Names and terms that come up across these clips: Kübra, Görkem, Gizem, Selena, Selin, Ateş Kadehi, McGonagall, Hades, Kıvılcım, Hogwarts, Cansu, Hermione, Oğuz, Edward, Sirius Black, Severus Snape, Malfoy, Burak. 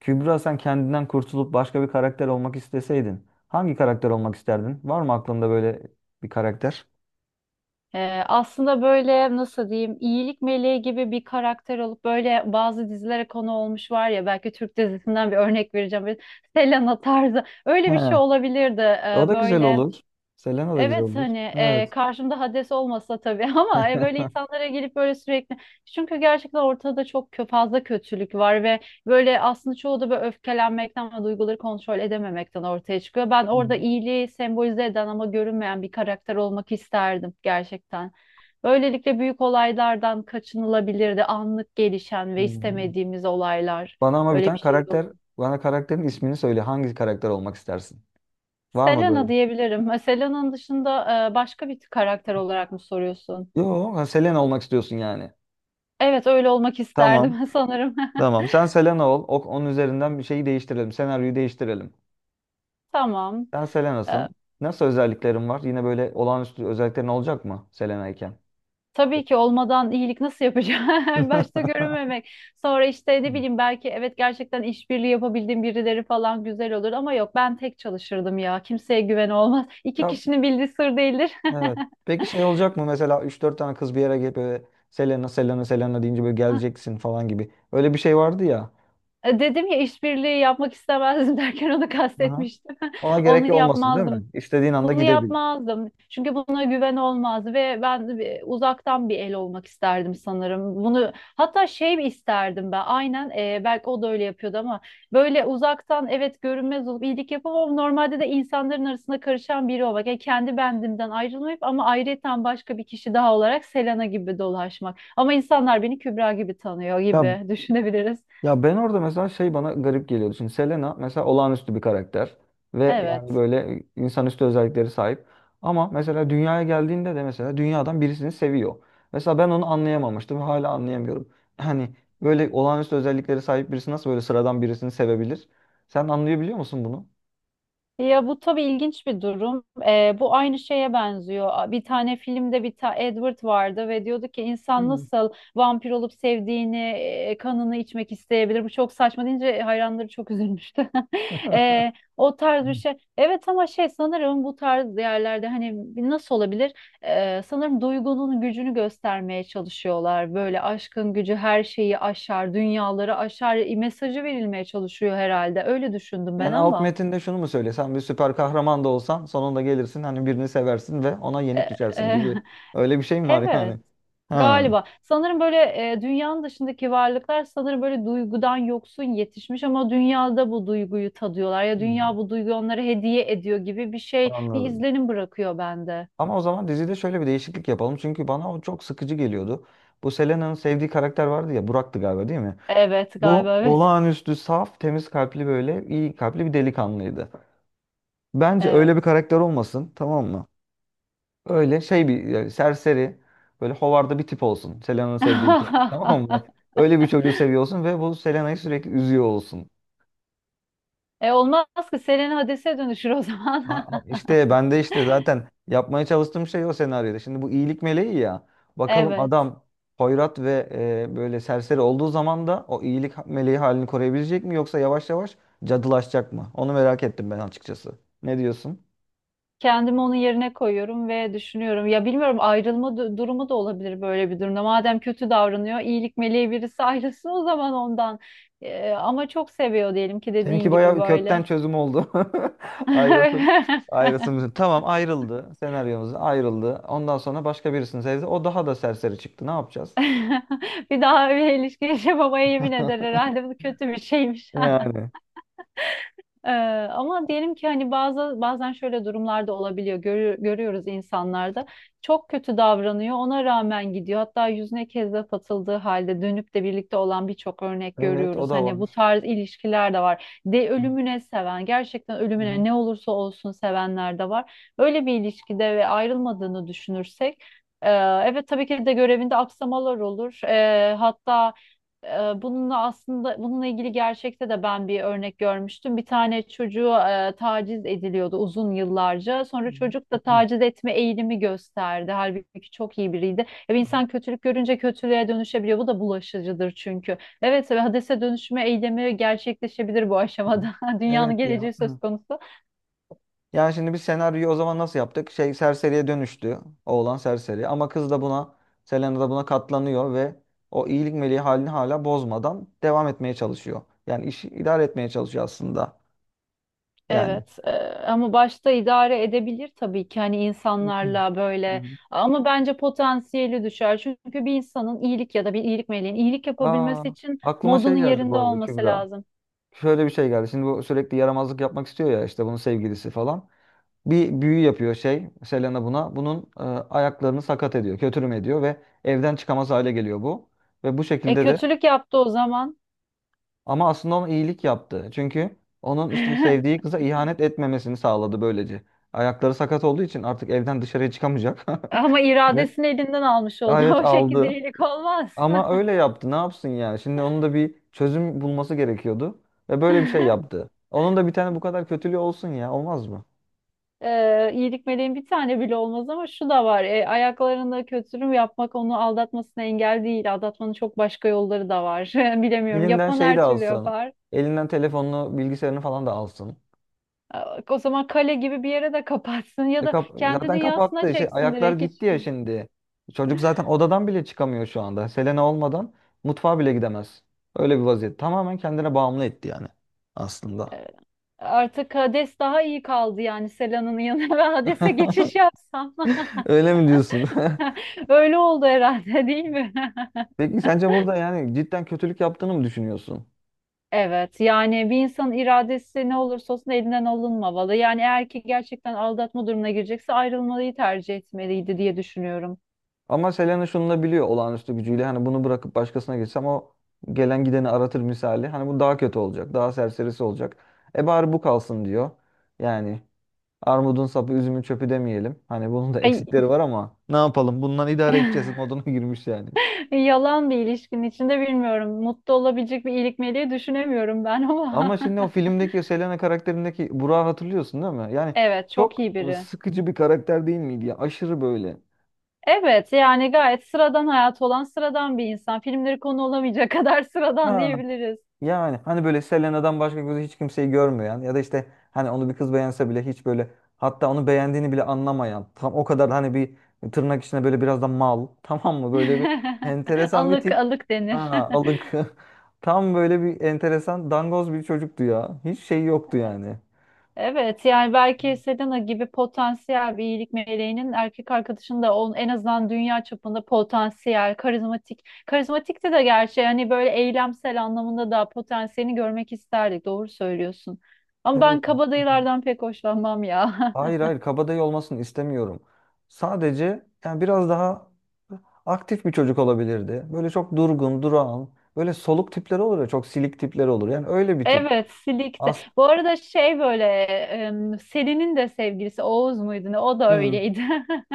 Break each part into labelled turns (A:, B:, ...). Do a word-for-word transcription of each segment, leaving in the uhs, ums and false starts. A: Kübra, sen kendinden kurtulup başka bir karakter olmak isteseydin hangi karakter olmak isterdin? Var mı aklında böyle bir karakter?
B: Ee, aslında böyle nasıl diyeyim iyilik meleği gibi bir karakter olup böyle bazı dizilere konu olmuş var ya, belki Türk dizisinden bir örnek vereceğim. Böyle Selena tarzı
A: He,
B: öyle bir şey olabilirdi.
A: o
B: Ee,
A: da güzel
B: böyle.
A: olur. Selena da güzel
B: Evet,
A: olur.
B: hani
A: Evet.
B: e, karşımda Hades olmasa tabii ama e, böyle insanlara gelip böyle sürekli çünkü gerçekten ortada çok kö- fazla kötülük var ve böyle aslında çoğu da böyle öfkelenmekten ve duyguları kontrol edememekten ortaya çıkıyor. Ben
A: Hı hı.
B: orada iyiliği sembolize eden ama görünmeyen bir karakter olmak isterdim gerçekten. Böylelikle büyük olaylardan kaçınılabilirdi. Anlık gelişen ve
A: Hmm.
B: istemediğimiz olaylar,
A: Bana ama bir
B: öyle bir
A: tane
B: şey
A: karakter,
B: olabilir.
A: bana karakterin ismini söyle. Hangi karakter olmak istersin? Var mı böyle?
B: Selena diyebilirim. Selena'nın dışında e, başka bir karakter olarak mı soruyorsun?
A: Yok, ha, Selena olmak istiyorsun yani.
B: Evet, öyle olmak
A: Tamam.
B: isterdim sanırım.
A: Tamam. Sen Selena ol. O, onun üzerinden bir şeyi değiştirelim. Senaryoyu değiştirelim.
B: Tamam.
A: Sen Selena'sın.
B: Ee,
A: Nasıl özelliklerin var? Yine böyle olağanüstü özelliklerin olacak mı Selena iken?
B: tabii ki olmadan iyilik nasıl yapacağım? Başta görünmemek. Sonra işte ne bileyim, belki evet gerçekten işbirliği yapabildiğim birileri falan güzel olur ama yok, ben tek çalışırdım ya. Kimseye güven olmaz. İki
A: Ya,
B: kişinin bildiği sır değildir.
A: evet. Peki şey olacak mı, mesela üç dört tane kız bir yere gelip böyle Selena Selena Selena deyince böyle geleceksin falan gibi. Öyle bir şey vardı ya.
B: Dedim ya, işbirliği yapmak istemezdim derken onu
A: Aha.
B: kastetmiştim.
A: Ona
B: Onu
A: gerek olmasın değil
B: yapmazdım.
A: mi? İstediğin anda
B: Bunu
A: gidebil.
B: yapmazdım. Çünkü buna güven olmaz ve ben bir- uzaktan bir el olmak isterdim sanırım. Bunu hatta şey isterdim ben. Aynen, e, belki o da öyle yapıyordu ama böyle uzaktan, evet, görünmez olup iyilik yapıp ama normalde de insanların arasında karışan biri olmak. Yani kendi bendimden ayrılmayıp ama ayrıyeten başka bir kişi daha olarak Selena gibi dolaşmak. Ama insanlar beni Kübra gibi tanıyor
A: Ya
B: gibi düşünebiliriz.
A: Ya ben orada mesela şey bana garip geliyordu. Şimdi Selena mesela olağanüstü bir karakter ve yani
B: Evet.
A: böyle insanüstü özellikleri sahip. Ama mesela dünyaya geldiğinde de mesela dünyadan birisini seviyor. Mesela ben onu anlayamamıştım ve hala anlayamıyorum. Hani böyle olağanüstü özellikleri sahip birisi nasıl böyle sıradan birisini sevebilir? Sen anlayabiliyor musun bunu?
B: Ya bu tabii ilginç bir durum. Ee, bu aynı şeye benziyor. Bir tane filmde bir ta Edward vardı ve diyordu ki insan
A: Hmm.
B: nasıl vampir olup sevdiğini, e, kanını içmek isteyebilir? Bu çok saçma deyince hayranları çok üzülmüştü. Ee, o tarz bir şey. Evet ama şey, sanırım bu tarz yerlerde hani nasıl olabilir? Ee, sanırım duygunun gücünü göstermeye çalışıyorlar. Böyle aşkın gücü her şeyi aşar, dünyaları aşar mesajı verilmeye çalışıyor herhalde. Öyle düşündüm ben
A: Yani alt
B: ama.
A: metinde şunu mu söylesem, bir süper kahraman da olsan sonunda gelirsin hani birini seversin ve ona yenik
B: E- e,
A: düşersin gibi öyle bir şey mi var
B: evet.
A: yani? Ha.
B: Galiba. Sanırım böyle e, dünyanın dışındaki varlıklar sanırım böyle duygudan yoksun yetişmiş ama dünyada bu duyguyu tadıyorlar ya, dünya bu duyguyu onlara hediye ediyor gibi bir şey, bir
A: Anladım.
B: izlenim bırakıyor bende.
A: Ama o zaman dizide şöyle bir değişiklik yapalım. Çünkü bana o çok sıkıcı geliyordu. Bu Selena'nın sevdiği karakter vardı ya, Burak'tı galiba değil mi?
B: Evet,
A: Bu
B: galiba evet.
A: olağanüstü saf, temiz kalpli, böyle iyi kalpli bir delikanlıydı. Bence
B: Evet.
A: öyle bir karakter olmasın, tamam mı? Öyle şey bir yani serseri, böyle hovarda bir tip olsun. Selena'nın sevdiği bir çocuk tamam mı? Öyle bir çocuğu seviyorsun ve bu Selena'yı sürekli üzüyor olsun.
B: E olmaz ki, Selena Hades'e dönüşür o
A: A-
B: zaman.
A: a- İşte ben de işte zaten yapmaya çalıştığım şey o senaryoda. Şimdi bu iyilik meleği ya. Bakalım
B: Evet.
A: adam hoyrat ve e, böyle serseri olduğu zaman da o iyilik ha- meleği halini koruyabilecek mi, yoksa yavaş yavaş cadılaşacak mı? Onu merak ettim ben açıkçası. Ne diyorsun?
B: Kendimi onun yerine koyuyorum ve düşünüyorum. Ya bilmiyorum, ayrılma du- durumu da olabilir böyle bir durumda. Madem kötü davranıyor, iyilik meleği birisi ayrılsın o zaman ondan. Ee, ama çok seviyor diyelim ki,
A: Seninki
B: dediğin gibi
A: bayağı kökten
B: böyle.
A: çözüm oldu. Ayrılsın. Ayrılsın. Tamam, ayrıldı. Senaryomuz ayrıldı. Ondan sonra başka birisini sevdi. O daha da serseri çıktı. Ne yapacağız?
B: Bir daha bir ilişki yaşamamaya yemin eder herhalde. Bu kötü bir şeymiş.
A: Yani.
B: Ee, Ama diyelim ki hani bazı, bazen şöyle durumlarda olabiliyor. Görü- görüyoruz insanlarda. Çok kötü davranıyor. Ona rağmen gidiyor. Hatta yüzüne kezzap atıldığı halde dönüp de birlikte olan birçok örnek
A: Evet, o
B: görüyoruz.
A: da
B: Hani bu
A: var.
B: tarz ilişkiler de var. De
A: Hı
B: ölümüne seven, gerçekten
A: hı.
B: ölümüne ne olursa olsun sevenler de var. Böyle bir ilişkide ve ayrılmadığını düşünürsek, e, evet tabii ki de görevinde aksamalar olur. E, hatta e, bununla aslında bununla ilgili gerçekte de ben bir örnek görmüştüm. Bir tane çocuğu e, taciz ediliyordu uzun yıllarca.
A: Hı
B: Sonra çocuk da
A: hı.
B: taciz etme eğilimi gösterdi. Halbuki çok iyi biriydi. E, bir insan kötülük görünce kötülüğe dönüşebiliyor. Bu da bulaşıcıdır çünkü. Evet, ve hadise dönüşme eylemi gerçekleşebilir bu
A: Hı hı.
B: aşamada. Dünyanın
A: Evet ya.
B: geleceği söz
A: Hı.
B: konusu.
A: Yani şimdi biz senaryoyu o zaman nasıl yaptık? Şey, serseriye dönüştü. Oğlan serseri. Ama kız da buna, Selena da buna katlanıyor ve o iyilik meleği halini hala bozmadan devam etmeye çalışıyor. Yani işi idare etmeye çalışıyor aslında. Yani.
B: Evet e, ama başta idare edebilir tabii ki hani
A: Hı
B: insanlarla böyle,
A: hı.
B: ama bence potansiyeli düşer. Çünkü bir insanın iyilik ya da bir iyilik meleğin iyilik
A: Aa,
B: yapabilmesi için
A: aklıma şey
B: modunun
A: geldi bu
B: yerinde
A: arada
B: olması
A: Kübra.
B: lazım.
A: Şöyle bir şey geldi. Şimdi bu sürekli yaramazlık yapmak istiyor ya, işte bunun sevgilisi falan. Bir büyü yapıyor şey, Selena buna. Bunun e, ayaklarını sakat ediyor, kötürüm ediyor ve evden çıkamaz hale geliyor bu. Ve bu
B: E,
A: şekilde de
B: kötülük yaptı o zaman
A: ama aslında ona iyilik yaptı. Çünkü onun işte sevdiği kıza ihanet etmemesini sağladı böylece. Ayakları sakat olduğu için artık evden dışarıya çıkamayacak.
B: ama
A: Ve
B: iradesini elinden almış oldu.
A: evet,
B: O şekilde
A: aldı.
B: iyilik olmaz.
A: Ama öyle yaptı. Ne yapsın yani? Şimdi onun da bir çözüm bulması gerekiyordu. Ve böyle bir şey yaptı. Onun da bir tane bu kadar kötülüğü olsun ya. Olmaz mı?
B: E, iyilik meleğin bir tane bile olmaz ama şu da var. E, ayaklarında kötülük yapmak onu aldatmasına engel değil. Aldatmanın çok başka yolları da var. Bilemiyorum.
A: Elinden
B: Yapan
A: şeyi de
B: her türlü
A: alsın.
B: yapar.
A: Elinden telefonunu, bilgisayarını falan da alsın.
B: O zaman kale gibi bir yere de kapatsın ya
A: E
B: da
A: kap
B: kendi
A: zaten
B: dünyasına
A: kapattı. Şey,
B: çeksin
A: ayaklar
B: direkt hiç.
A: gitti ya şimdi. Çocuk zaten odadan bile çıkamıyor şu anda. Selena olmadan mutfağa bile gidemez. Öyle bir vaziyet. Tamamen kendine bağımlı etti yani aslında.
B: Ee, Artık Hades daha iyi kaldı yani Selan'ın yanına ve Hades'e geçiş yapsam.
A: Öyle mi diyorsun?
B: Öyle oldu herhalde değil mi?
A: Peki sence burada yani cidden kötülük yaptığını mı düşünüyorsun?
B: Evet, yani bir insanın iradesi ne olursa olsun elinden alınmamalı. Yani eğer ki gerçekten aldatma durumuna girecekse ayrılmayı tercih etmeliydi diye düşünüyorum.
A: Ama Selena şunu da biliyor olağanüstü gücüyle. Hani bunu bırakıp başkasına geçsem o gelen gideni aratır misali. Hani bu daha kötü olacak. Daha serserisi olacak. E bari bu kalsın diyor. Yani armudun sapı, üzümün çöpü demeyelim. Hani bunun da
B: Ay,
A: eksikleri var ama ne yapalım? Bundan idare edeceğiz moduna girmiş yani.
B: yalan bir ilişkinin içinde bilmiyorum. Mutlu olabilecek bir iyilik meleği düşünemiyorum ben
A: Ama
B: ama.
A: şimdi o filmdeki o Selena karakterindeki Burak'ı hatırlıyorsun değil mi? Yani
B: Evet, çok
A: çok
B: iyi biri.
A: sıkıcı bir karakter değil miydi ya? Aşırı böyle.
B: Evet, yani gayet sıradan hayat olan sıradan bir insan. Filmleri konu olamayacak kadar sıradan
A: Ha.
B: diyebiliriz.
A: Yani hani böyle Selena'dan başka gözü hiç kimseyi görmeyen ya da işte hani onu bir kız beğense bile hiç böyle, hatta onu beğendiğini bile anlamayan, tam o kadar hani bir tırnak içinde böyle biraz da mal tamam mı, böyle bir enteresan bir
B: Alık
A: tip,
B: alık denir.
A: ha, alık tam böyle bir enteresan dangoz bir çocuktu ya, hiç şey yoktu yani.
B: Evet, yani belki Selena gibi potansiyel bir iyilik meleğinin erkek arkadaşının da on en azından dünya çapında potansiyel, karizmatik. Karizmatikti de gerçi, hani böyle eylemsel anlamında da potansiyelini görmek isterdik. Doğru söylüyorsun. Ama ben
A: Evet.
B: kabadayılardan pek hoşlanmam ya.
A: Hayır hayır, kabadayı olmasını istemiyorum. Sadece yani biraz daha aktif bir çocuk olabilirdi. Böyle çok durgun, durağan, böyle soluk tipler olur ya, çok silik tipler olur. Yani öyle bir tip.
B: Evet, silikte.
A: As
B: Bu arada şey böyle em, Selin'in de sevgilisi Oğuz muydu ne? O da
A: Hı.
B: öyleydi.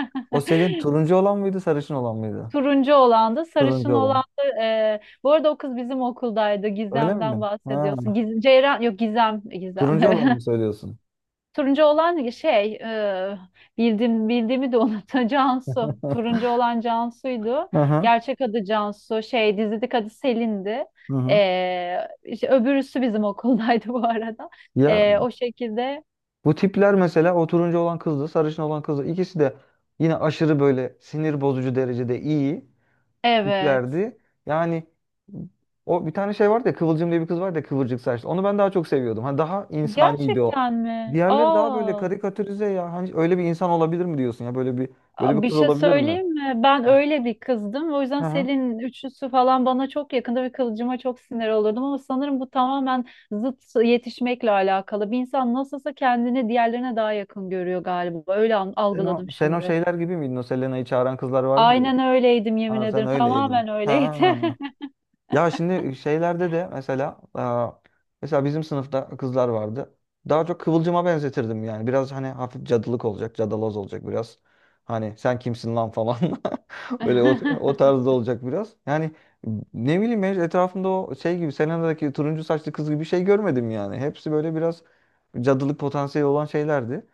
A: O Selin turuncu olan mıydı, sarışın olan mıydı?
B: Turuncu olan da
A: Turuncu
B: sarışın
A: olan.
B: olandı. E, bu arada o kız bizim okuldaydı.
A: Öyle mi?
B: Gizem'den
A: Ha,
B: bahsediyorsun. Giz Ceyran yok, Gizem, Gizem.
A: turuncu olanı mı söylüyorsun?
B: Turuncu olan şey e, bildim bildiğimi de unuttum, Cansu. Turuncu olan Cansu'ydu.
A: Hı hı.
B: Gerçek adı Cansu. Şey, dizideki adı Selin'di.
A: Hı hı.
B: E, işte öbürüsü bizim okuldaydı bu arada.
A: Ya,
B: E, o şekilde.
A: bu tipler mesela, o turuncu olan kızdı, sarışın olan kızdı. İkisi de yine aşırı böyle sinir bozucu derecede iyi
B: Evet.
A: tiplerdi. Yani o bir tane şey vardı ya, Kıvılcım diye bir kız vardı ya kıvırcık saçlı. Onu ben daha çok seviyordum. Hani daha insaniydi o.
B: Gerçekten mi?
A: Diğerleri daha böyle
B: Aa.
A: karikatürize ya. Hani öyle bir insan olabilir mi diyorsun ya? Böyle bir böyle bir
B: Aa, bir
A: kız
B: şey
A: olabilir mi?
B: söyleyeyim mi? Ben
A: Ha.
B: öyle bir kızdım. O
A: Hı
B: yüzden
A: hı.
B: Selin üçlüsü falan bana çok yakında ve kılıcıma çok sinir olurdum. Ama sanırım bu tamamen zıt yetişmekle alakalı. Bir insan nasılsa kendini diğerlerine daha yakın görüyor galiba. Öyle an-
A: Sen o,
B: algıladım
A: sen o
B: şimdi.
A: şeyler gibi miydin? O Selena'yı çağıran kızlar vardı ya.
B: Aynen öyleydim, yemin
A: Ha, sen
B: ederim.
A: öyleydin.
B: Tamamen öyleydi.
A: Ha. Ya şimdi şeylerde de mesela aa, mesela bizim sınıfta kızlar vardı. Daha çok kıvılcıma benzetirdim yani. Biraz hani hafif cadılık olacak, cadaloz olacak biraz. Hani sen kimsin lan falan. Böyle o, o tarzda olacak biraz. Yani ne bileyim, ben etrafımda o şey gibi Selena'daki turuncu saçlı kız gibi bir şey görmedim yani. Hepsi böyle biraz cadılık potansiyeli olan şeylerdi.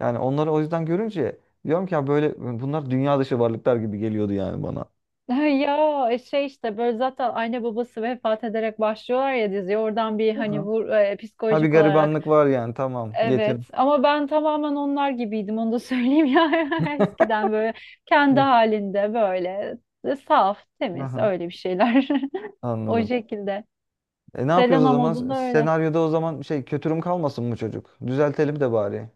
A: Yani onları o yüzden görünce diyorum ki ya böyle bunlar dünya dışı varlıklar gibi geliyordu yani bana.
B: Ya e, şey, işte böyle zaten anne babası vefat ederek başlıyorlar ya diziye. Oradan bir hani vur, e,
A: Ha, bir
B: psikolojik olarak.
A: garibanlık var yani, tamam.
B: Evet
A: Yetim.
B: ama ben tamamen onlar gibiydim, onu da söyleyeyim ya, eskiden böyle kendi
A: Hı.
B: halinde böyle e, saf temiz,
A: Aha,
B: öyle bir şeyler o
A: anladım.
B: şekilde.
A: E ne yapıyoruz o
B: Selena
A: zaman?
B: modunda öyle.
A: Senaryoda o zaman şey, kötürüm kalmasın bu çocuk? Düzeltelim de bari.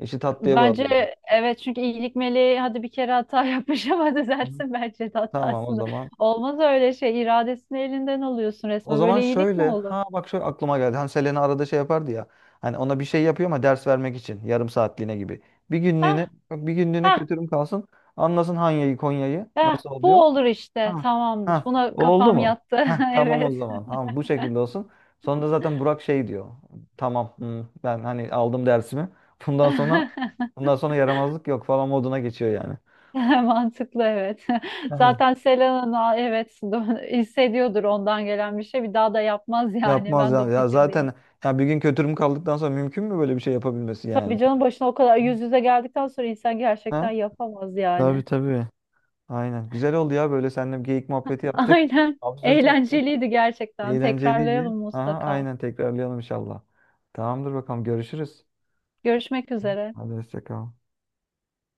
A: İşi tatlıya bağlayalım.
B: Bence evet, çünkü iyilik meleği hadi bir kere hata yapmış ama
A: Hı.
B: düzelsin bence de
A: Tamam o
B: hatasını.
A: zaman.
B: Olmaz öyle şey, iradesini elinden alıyorsun
A: O
B: resmen,
A: zaman
B: böyle iyilik
A: şöyle.
B: mi olur?
A: Ha bak, şöyle aklıma geldi. Hani Selena arada şey yapardı ya. Hani ona bir şey yapıyor ama ders vermek için. Yarım saatliğine gibi. Bir
B: Hah
A: günlüğüne, bak, bir günlüğüne
B: hah
A: kötürüm kalsın. Anlasın Hanya'yı Konya'yı
B: hah,
A: nasıl oluyor.
B: bu olur işte,
A: Ha,
B: tamamdır,
A: ha,
B: buna
A: oldu
B: kafam
A: mu?
B: yattı.
A: Heh, tamam o
B: Evet.
A: zaman. Tamam, bu şekilde olsun. Sonra zaten Burak şey diyor. Tamam hmm, ben hani aldım dersimi. Bundan sonra bundan sonra yaramazlık yok falan moduna geçiyor yani.
B: Mantıklı, evet.
A: Yani
B: Zaten Selena'nın evet hissediyordur ondan gelen bir şey. Bir daha da yapmaz yani.
A: yapmaz
B: Ben de o
A: yani. Ya
B: fikirdeyim.
A: zaten ya bir gün kötürüm kaldıktan sonra mümkün mü böyle bir şey yapabilmesi
B: Tabii
A: yani?
B: canım, başına o kadar yüz yüze geldikten sonra insan gerçekten
A: Ha?
B: yapamaz
A: Tabii
B: yani.
A: tabii. Aynen. Güzel oldu ya, böyle seninle bir geyik muhabbeti yaptık.
B: Aynen.
A: Absürt oldu.
B: Eğlenceliydi gerçekten.
A: Eğlenceliydi.
B: Tekrarlayalım
A: Aha,
B: mutlaka.
A: aynen, tekrarlayalım inşallah. Tamamdır bakalım, görüşürüz.
B: Görüşmek üzere.
A: Hadi hoşça kal.